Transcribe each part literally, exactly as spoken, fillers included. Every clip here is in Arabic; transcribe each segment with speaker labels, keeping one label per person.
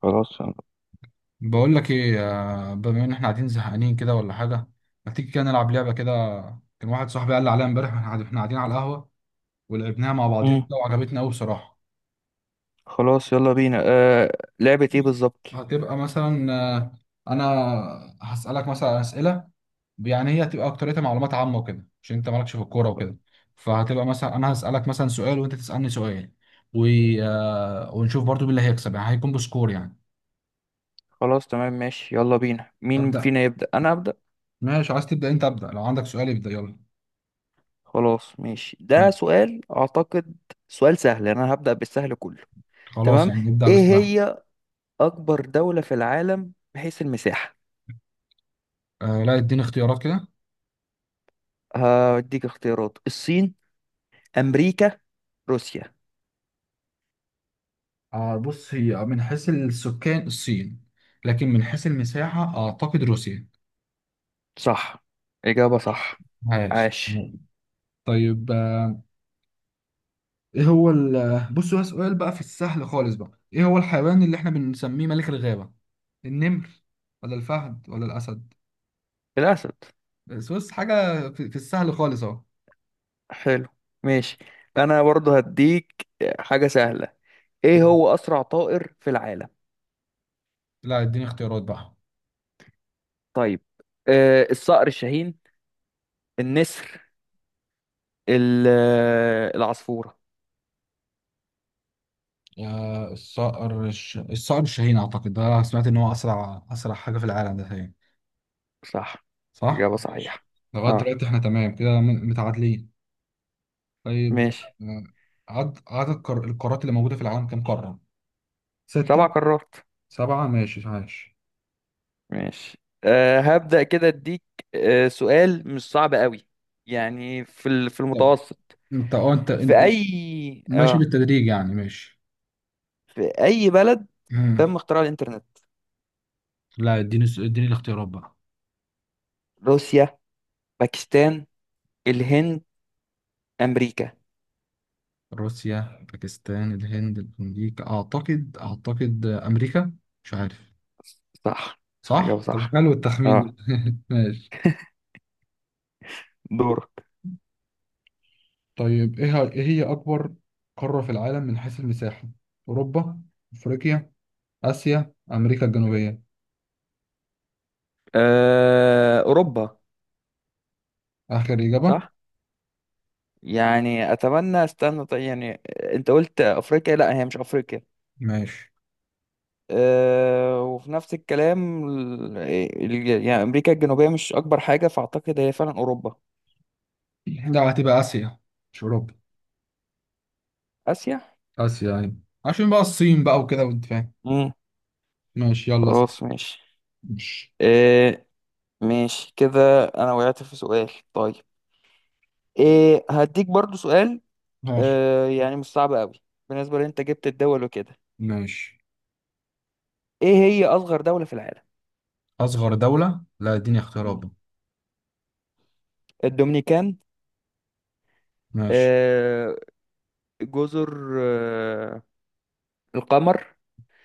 Speaker 1: خلاص.
Speaker 2: بقول لك ايه. آه، بما ان احنا قاعدين زهقانين كده ولا حاجه. ما تيجي كده نلعب لعبه كده. كان واحد صاحبي قال لي عليها امبارح واحنا قاعد- إحنا قاعدين على القهوه. ولعبناها مع بعضينا
Speaker 1: امم
Speaker 2: كده وعجبتنا قوي بصراحه.
Speaker 1: خلاص، يلا بينا. آه لعبة ايه بالظبط؟
Speaker 2: هتبقى مثلا، آه، انا هسالك مثلا اسئله. يعني هي هتبقى اكتريتها معلومات عامه وكده، عشان انت مالكش في الكوره وكده. فهتبقى مثلا انا هسالك مثلا سؤال وانت تسالني سؤال و... آه، ونشوف برضو مين اللي هيكسب، يعني هيكون بسكور يعني.
Speaker 1: خلاص، تمام، ماشي، يلا بينا. مين
Speaker 2: ابدا.
Speaker 1: فينا يبدأ؟ انا أبدأ.
Speaker 2: ماشي، عايز تبدا انت ابدا، لو عندك سؤال ابدا يلا.
Speaker 1: خلاص ماشي،
Speaker 2: م.
Speaker 1: ده سؤال اعتقد. سؤال سهل، انا هبدأ بالسهل كله.
Speaker 2: خلاص
Speaker 1: تمام.
Speaker 2: يعني ابدا
Speaker 1: ايه
Speaker 2: بس.
Speaker 1: هي اكبر دولة في العالم من حيث المساحة؟
Speaker 2: آه لا اديني اختيارات كده.
Speaker 1: هديك اختيارات: الصين، امريكا، روسيا.
Speaker 2: آه بص، هي من حيث السكان الصين، لكن من حيث المساحة أعتقد روسيا.
Speaker 1: صح، اجابة صح.
Speaker 2: عاش.
Speaker 1: عاش.
Speaker 2: طيب، آه، إيه هو ال آه، بص، هو سؤال بقى في السهل خالص بقى، إيه هو الحيوان اللي إحنا بنسميه ملك الغابة؟ النمر ولا الفهد ولا الأسد؟
Speaker 1: الاسد.
Speaker 2: بس بص، حاجة في, في السهل خالص أهو.
Speaker 1: حلو، ماشي. انا برضه هديك حاجة سهلة. ايه هو اسرع طائر في العالم؟
Speaker 2: لا اديني اختيارات بقى.
Speaker 1: طيب، آه الصقر الشاهين، النسر، ال- آه، العصفورة.
Speaker 2: آه الصقر الش... الصقر الشاهين، اعتقد ده سمعت ان هو اسرع اسرع حاجه في العالم ده تقريبا.
Speaker 1: صح،
Speaker 2: صح.
Speaker 1: إجابة صحيحة.
Speaker 2: لغاية
Speaker 1: اه،
Speaker 2: دلوقتي احنا تمام كده، م- متعادلين. طيب،
Speaker 1: ماشي.
Speaker 2: آه، عد- عدد القار- القارات اللي موجودة في العالم كام قارة؟
Speaker 1: سبع
Speaker 2: ستة.
Speaker 1: قارات.
Speaker 2: سبعة، ماشي عايش.
Speaker 1: ماشي. آه هبدأ كده اديك آه سؤال مش صعب قوي. يعني في ال- في
Speaker 2: طب
Speaker 1: المتوسط،
Speaker 2: انت اه، انت
Speaker 1: في
Speaker 2: انت- انت
Speaker 1: اي
Speaker 2: ماشي
Speaker 1: اه
Speaker 2: بالتدريج يعني، ماشي.
Speaker 1: في اي بلد
Speaker 2: مم.
Speaker 1: تم اختراع الانترنت؟
Speaker 2: لا اديني الس- اديني الاختيارات بقى.
Speaker 1: روسيا، باكستان، الهند، امريكا.
Speaker 2: روسيا باكستان الهند امريكا، اعتقد اعتقد امريكا. مش عارف.
Speaker 1: صح، إجابة
Speaker 2: صح؟ طب
Speaker 1: صح.
Speaker 2: حلو التخمين
Speaker 1: اه،
Speaker 2: ده. ماشي.
Speaker 1: دورك.
Speaker 2: طيب، ايه ه- ايه هي أكبر قارة في العالم من حيث المساحة؟ أوروبا؟ أفريقيا؟ آسيا؟ أمريكا الجنوبية؟
Speaker 1: آه، أوروبا.
Speaker 2: آخر إجابة.
Speaker 1: صح. مم. يعني أتمنى، استنى طيب، يعني آه، أنت قلت أفريقيا، لا هي مش أفريقيا.
Speaker 2: ماشي.
Speaker 1: أه وفي نفس الكلام ال- آه، ال- يعني أمريكا الجنوبية مش أكبر حاجة، فأعتقد هي فعلا أوروبا.
Speaker 2: لا، هتبقى آسيا، مش أوروبا.
Speaker 1: آسيا.
Speaker 2: آسيا أيوة، عشان بقى الصين بقى وكده وأنت فاهم.
Speaker 1: مم.
Speaker 2: ماشي، يلا اسأل.
Speaker 1: خلاص ماشي.
Speaker 2: ماشي.
Speaker 1: أه ماشي، كده أنا وقعت في سؤال طيب. إيه؟ هديك برضو سؤال.
Speaker 2: ماشي.
Speaker 1: أه، يعني مش صعب قوي بالنسبة لأن أنت جبت الدول وكده.
Speaker 2: ماشي،
Speaker 1: إيه هي أصغر دولة في العالم؟
Speaker 2: أصغر دولة، لا اديني اختيارات
Speaker 1: مم.
Speaker 2: بقى.
Speaker 1: الدومينيكان،
Speaker 2: ماشي.
Speaker 1: آه، جزر آه، القمر،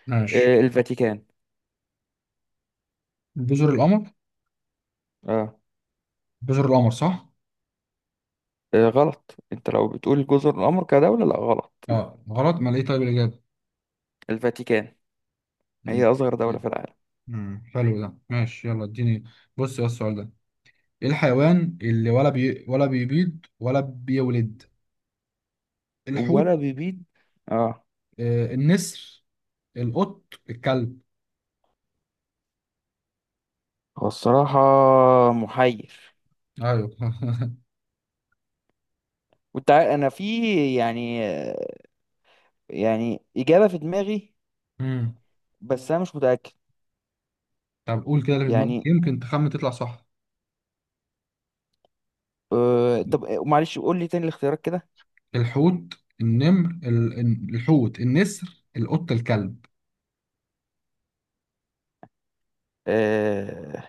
Speaker 2: ماشي.
Speaker 1: آه، الفاتيكان.
Speaker 2: جزر القمر.
Speaker 1: اه.
Speaker 2: جزر القمر صح؟
Speaker 1: آه، غلط. انت لو بتقول جزر القمر كدولة، لا غلط.
Speaker 2: اه، غلط، ما ليه طيب الإجابة؟
Speaker 1: الفاتيكان هي أصغر دولة في العالم.
Speaker 2: مم. حلو ده، ماشي يلا اديني. بص يا السؤال ده، ايه الحيوان اللي ولا بي... ولا بيبيض ولا بيولد؟ الحوت؟
Speaker 1: ولا بيبيض. اه.
Speaker 2: آه النسر؟ القط؟ الكلب؟
Speaker 1: هو الصراحة محير.
Speaker 2: ايوه.
Speaker 1: وانت عارف انا في، يعني آه، يعني إجابة في دماغي،
Speaker 2: امم.
Speaker 1: بس انا مش متأكد.
Speaker 2: طب قول كده اللي في دماغك،
Speaker 1: يعني
Speaker 2: يمكن تخمن تطلع صح.
Speaker 1: آه طب آه، معلش، قول لي تاني الاختيارات كده.
Speaker 2: الحوت، النمر ال... ال- الحوت، النسر، القط، الكلب.
Speaker 1: آه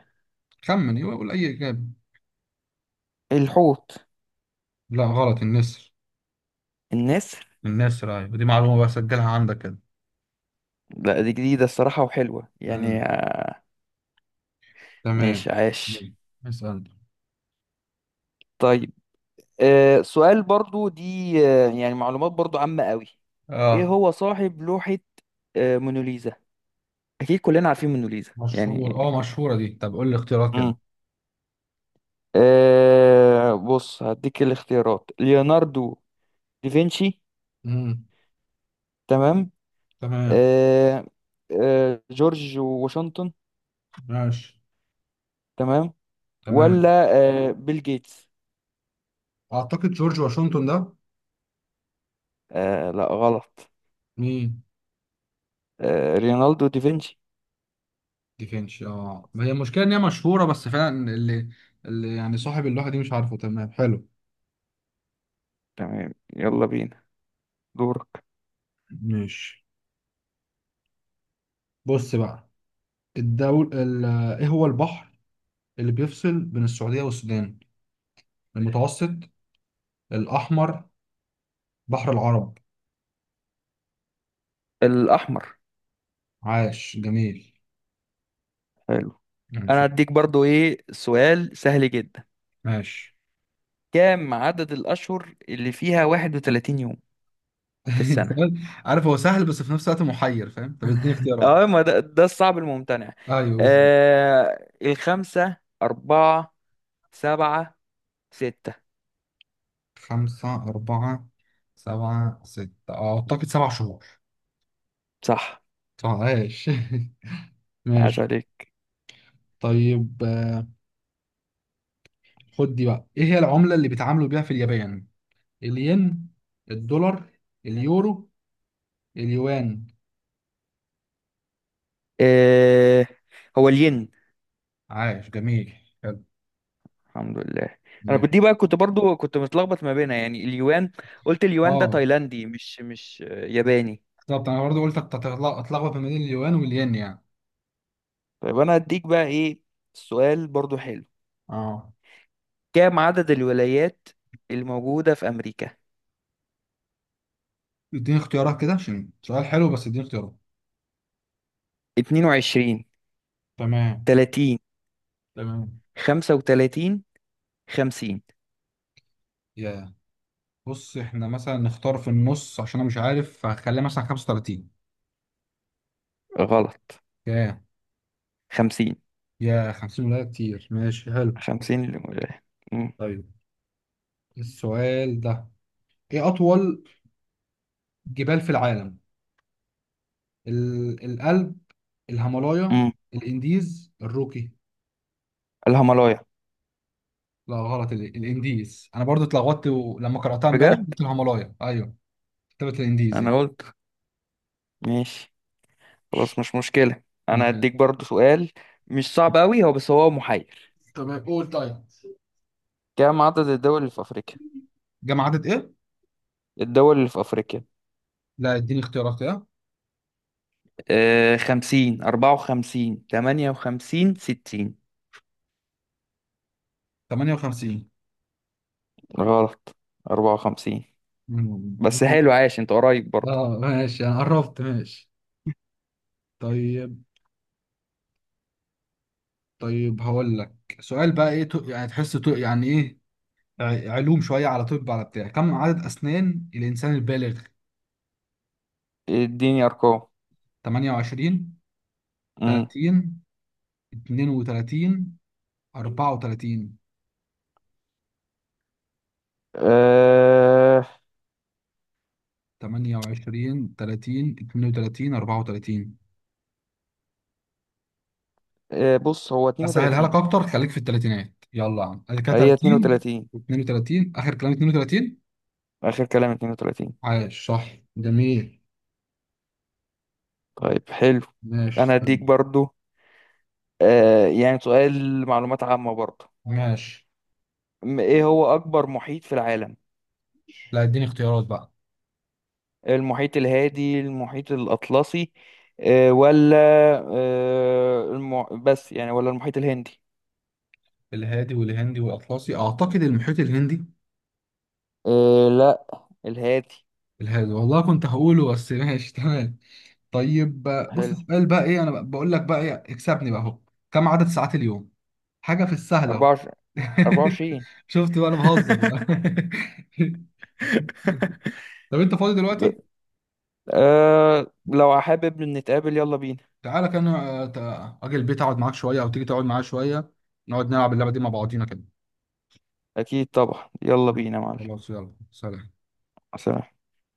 Speaker 2: خمن، يبقى قول اي اجابه.
Speaker 1: الحوت،
Speaker 2: لا غلط، النسر.
Speaker 1: النسر.
Speaker 2: النسر. ايوه، دي معلومة بقى سجلها عندك كده.
Speaker 1: لا، دي جديدة الصراحة وحلوة، يعني
Speaker 2: امم.
Speaker 1: آه،
Speaker 2: تمام.
Speaker 1: ماشي، عاش.
Speaker 2: مم. اسأل.
Speaker 1: طيب، آه سؤال برضو دي، آه يعني معلومات برضو عامة قوي. ايه
Speaker 2: اه
Speaker 1: هو صاحب لوحة آه موناليزا؟ اكيد كلنا عارفين موناليزا
Speaker 2: مشهور،
Speaker 1: يعني.
Speaker 2: اه مشهوره دي. طب قول لي اختيارات كده.
Speaker 1: امم آه بص، هديك الاختيارات: ليوناردو دافنشي،
Speaker 2: امم.
Speaker 1: تمام.
Speaker 2: تمام.
Speaker 1: آه آه جورج واشنطن،
Speaker 2: ماشي.
Speaker 1: تمام. ولا
Speaker 2: تمام.
Speaker 1: آه بيل جيتس.
Speaker 2: اعتقد جورج واشنطن ده.
Speaker 1: آه لا، غلط.
Speaker 2: مين؟
Speaker 1: آه رينالدو دافنشي.
Speaker 2: ديفينش، اه ما هي المشكله ان هي مشهوره، بس فعلا اللي, اللي يعني صاحب اللوحه دي مش عارفه. تمام حلو.
Speaker 1: تمام، يلا بينا، دورك.
Speaker 2: ماشي. بص بقى، الدول ال... ايه هو البحر اللي بيفصل بين السعوديه والسودان؟ المتوسط؟ الاحمر؟ بحر العرب؟
Speaker 1: الأحمر.
Speaker 2: عاش جميل.
Speaker 1: حلو.
Speaker 2: ماشي.
Speaker 1: انا هديك برضو ايه، سؤال سهل جدا.
Speaker 2: ماشي.
Speaker 1: كام عدد الاشهر اللي فيها 31 يوم في السنة؟
Speaker 2: سؤال- عارف هو سهل، بس في نفس الوقت محير، فاهم؟ طب اديني اختيارات.
Speaker 1: اه، ما ده, ده, الصعب الممتنع.
Speaker 2: ايوه بس-
Speaker 1: آه الخمسة، أربعة، سبعة، ستة.
Speaker 2: خمسة؟ أربعة؟ سبعة؟ ستة؟ آه، أعتقد سبع شهور.
Speaker 1: صح،
Speaker 2: عاش.
Speaker 1: عاش
Speaker 2: ماشي.
Speaker 1: عليك.
Speaker 2: طيب، آه، خد دي بقى، ايه هي العملة اللي بيتعاملوا بيها في اليابان؟ الين؟ الدولار؟ اليورو؟ اليوان؟
Speaker 1: آه هو الين.
Speaker 2: عاش جميل، حلو.
Speaker 1: الحمد لله. أنا كنت دي
Speaker 2: ماشي.
Speaker 1: بقى كنت برضو كنت متلخبط ما بينها، يعني اليوان. قلت اليوان ده
Speaker 2: اه
Speaker 1: تايلاندي، مش مش آه، ياباني.
Speaker 2: بالظبط، انا برضو قلت هتطلع- اتلخبط ما بين اليوان والين يعني.
Speaker 1: طيب أنا هديك بقى إيه، سؤال برضو حلو.
Speaker 2: اه،
Speaker 1: كام عدد الولايات الموجودة في أمريكا؟
Speaker 2: اديني اختيارات كده، عشان سؤال حلو، بس اديني اختيارات.
Speaker 1: اثنين وعشرين،
Speaker 2: تمام.
Speaker 1: ثلاثين،
Speaker 2: تمام.
Speaker 1: خمسة وثلاثين، خمسين.
Speaker 2: يا، بص احنا مثلا نختار في النص، عشان انا مش عارف، فهخليها مثلا خمسة وثلاثين.
Speaker 1: غلط.
Speaker 2: يا
Speaker 1: خمسين.
Speaker 2: يا خمسون؟ ولا كتير؟ ماشي حلو.
Speaker 1: خمسين الولاية. مم.
Speaker 2: طيب السؤال ده، ايه اطول جبال في العالم؟ ال- القلب؟ الهيمالايا؟
Speaker 1: مم.
Speaker 2: الانديز؟ الروكي؟
Speaker 1: الهيمالايا.
Speaker 2: لا غلط، ال- الانديز، انا برضو اتلخبطت و- لما قراتها امبارح
Speaker 1: بجد.
Speaker 2: قلت الهيمالايا ايوه، كتبت الانديز
Speaker 1: أنا
Speaker 2: يعني.
Speaker 1: قلت ماشي، خلاص مش مشكلة. أنا
Speaker 2: مكان.
Speaker 1: هديك برضو سؤال مش صعب أوي هو، بس هو محير.
Speaker 2: تمام، قول طيب.
Speaker 1: كام عدد الدول اللي في أفريقيا؟
Speaker 2: جمع عدد ايه؟
Speaker 1: الدول اللي في أفريقيا.
Speaker 2: لا اديني اختيارات كده.
Speaker 1: آه خمسين، أربعة وخمسين، ثمانية وخمسين، ستين.
Speaker 2: ثمانية وخمسين.
Speaker 1: غلط. أربعة وخمسين.
Speaker 2: مم.
Speaker 1: بس حلو، عاش، انت قريب برضه.
Speaker 2: اه ماشي، انا قربت. ماشي. طيب. طيب هقول لك سؤال بقى، ايه تو- يعني تحسه تو- يعني ايه، ع- علوم شويه، على طب، على بتاع كم عدد اسنان الانسان البالغ؟
Speaker 1: اديني ارقام.
Speaker 2: ثمانية وعشرين؟
Speaker 1: امم
Speaker 2: ثلاثين؟ اثنين وثلاثين؟ أربعة وثلاثين؟
Speaker 1: أه،
Speaker 2: ثمانية وعشرين ثلاثين اثنان وثلاثون أربعة وثلاثين.
Speaker 1: أه بص، هو
Speaker 2: اسهلها لك
Speaker 1: اثنين وثلاثين.
Speaker 2: اكتر، خليك في الثلاثينات، يلا يا عم ادي كده،
Speaker 1: هي
Speaker 2: ثلاثين.
Speaker 1: اثنين وثلاثين،
Speaker 2: و32. اخر كلام اثنين وثلاثين.
Speaker 1: اخر كلام اثنين وثلاثين.
Speaker 2: عاش صح. جميل.
Speaker 1: طيب حلو.
Speaker 2: ماشي.
Speaker 1: انا
Speaker 2: استنى.
Speaker 1: هديك برضو، أه يعني سؤال معلومات عامة برضو.
Speaker 2: ماشي.
Speaker 1: م- ايه هو اكبر محيط في العالم؟
Speaker 2: لا اديني اختيارات بقى.
Speaker 1: المحيط الهادي، المحيط الاطلسي، أه ولا أه الم... بس يعني، ولا المحيط الهندي.
Speaker 2: الهادي والهندي والاطلسي، اعتقد المحيط الهندي.
Speaker 1: أه لا، الهادي.
Speaker 2: الهادي! والله كنت هقوله، بس ماشي تمام. طيب. بص
Speaker 1: حلو.
Speaker 2: السؤال بقى، ايه انا بقول لك بقى، ايه اكسبني بقى اهو، كم عدد ساعات اليوم؟ حاجة في السهل أهو.
Speaker 1: أربعة وعشرين. أربعة وعشرين.
Speaker 2: شفت بقى، أنا بهزر بقى. طب أنت فاضي
Speaker 1: ب...
Speaker 2: دلوقتي؟
Speaker 1: أه لو حابب نتقابل يلا بينا.
Speaker 2: تعالى كان آه، تع- أجي البيت أقعد معاك شوية، أو تيجي تقعد معايا شوية، نقعد نلعب اللعبة دي مع بعضينا كده.
Speaker 1: اكيد طبعا، يلا بينا يا معلم.
Speaker 2: خلاص يلا، سلام.
Speaker 1: سلام.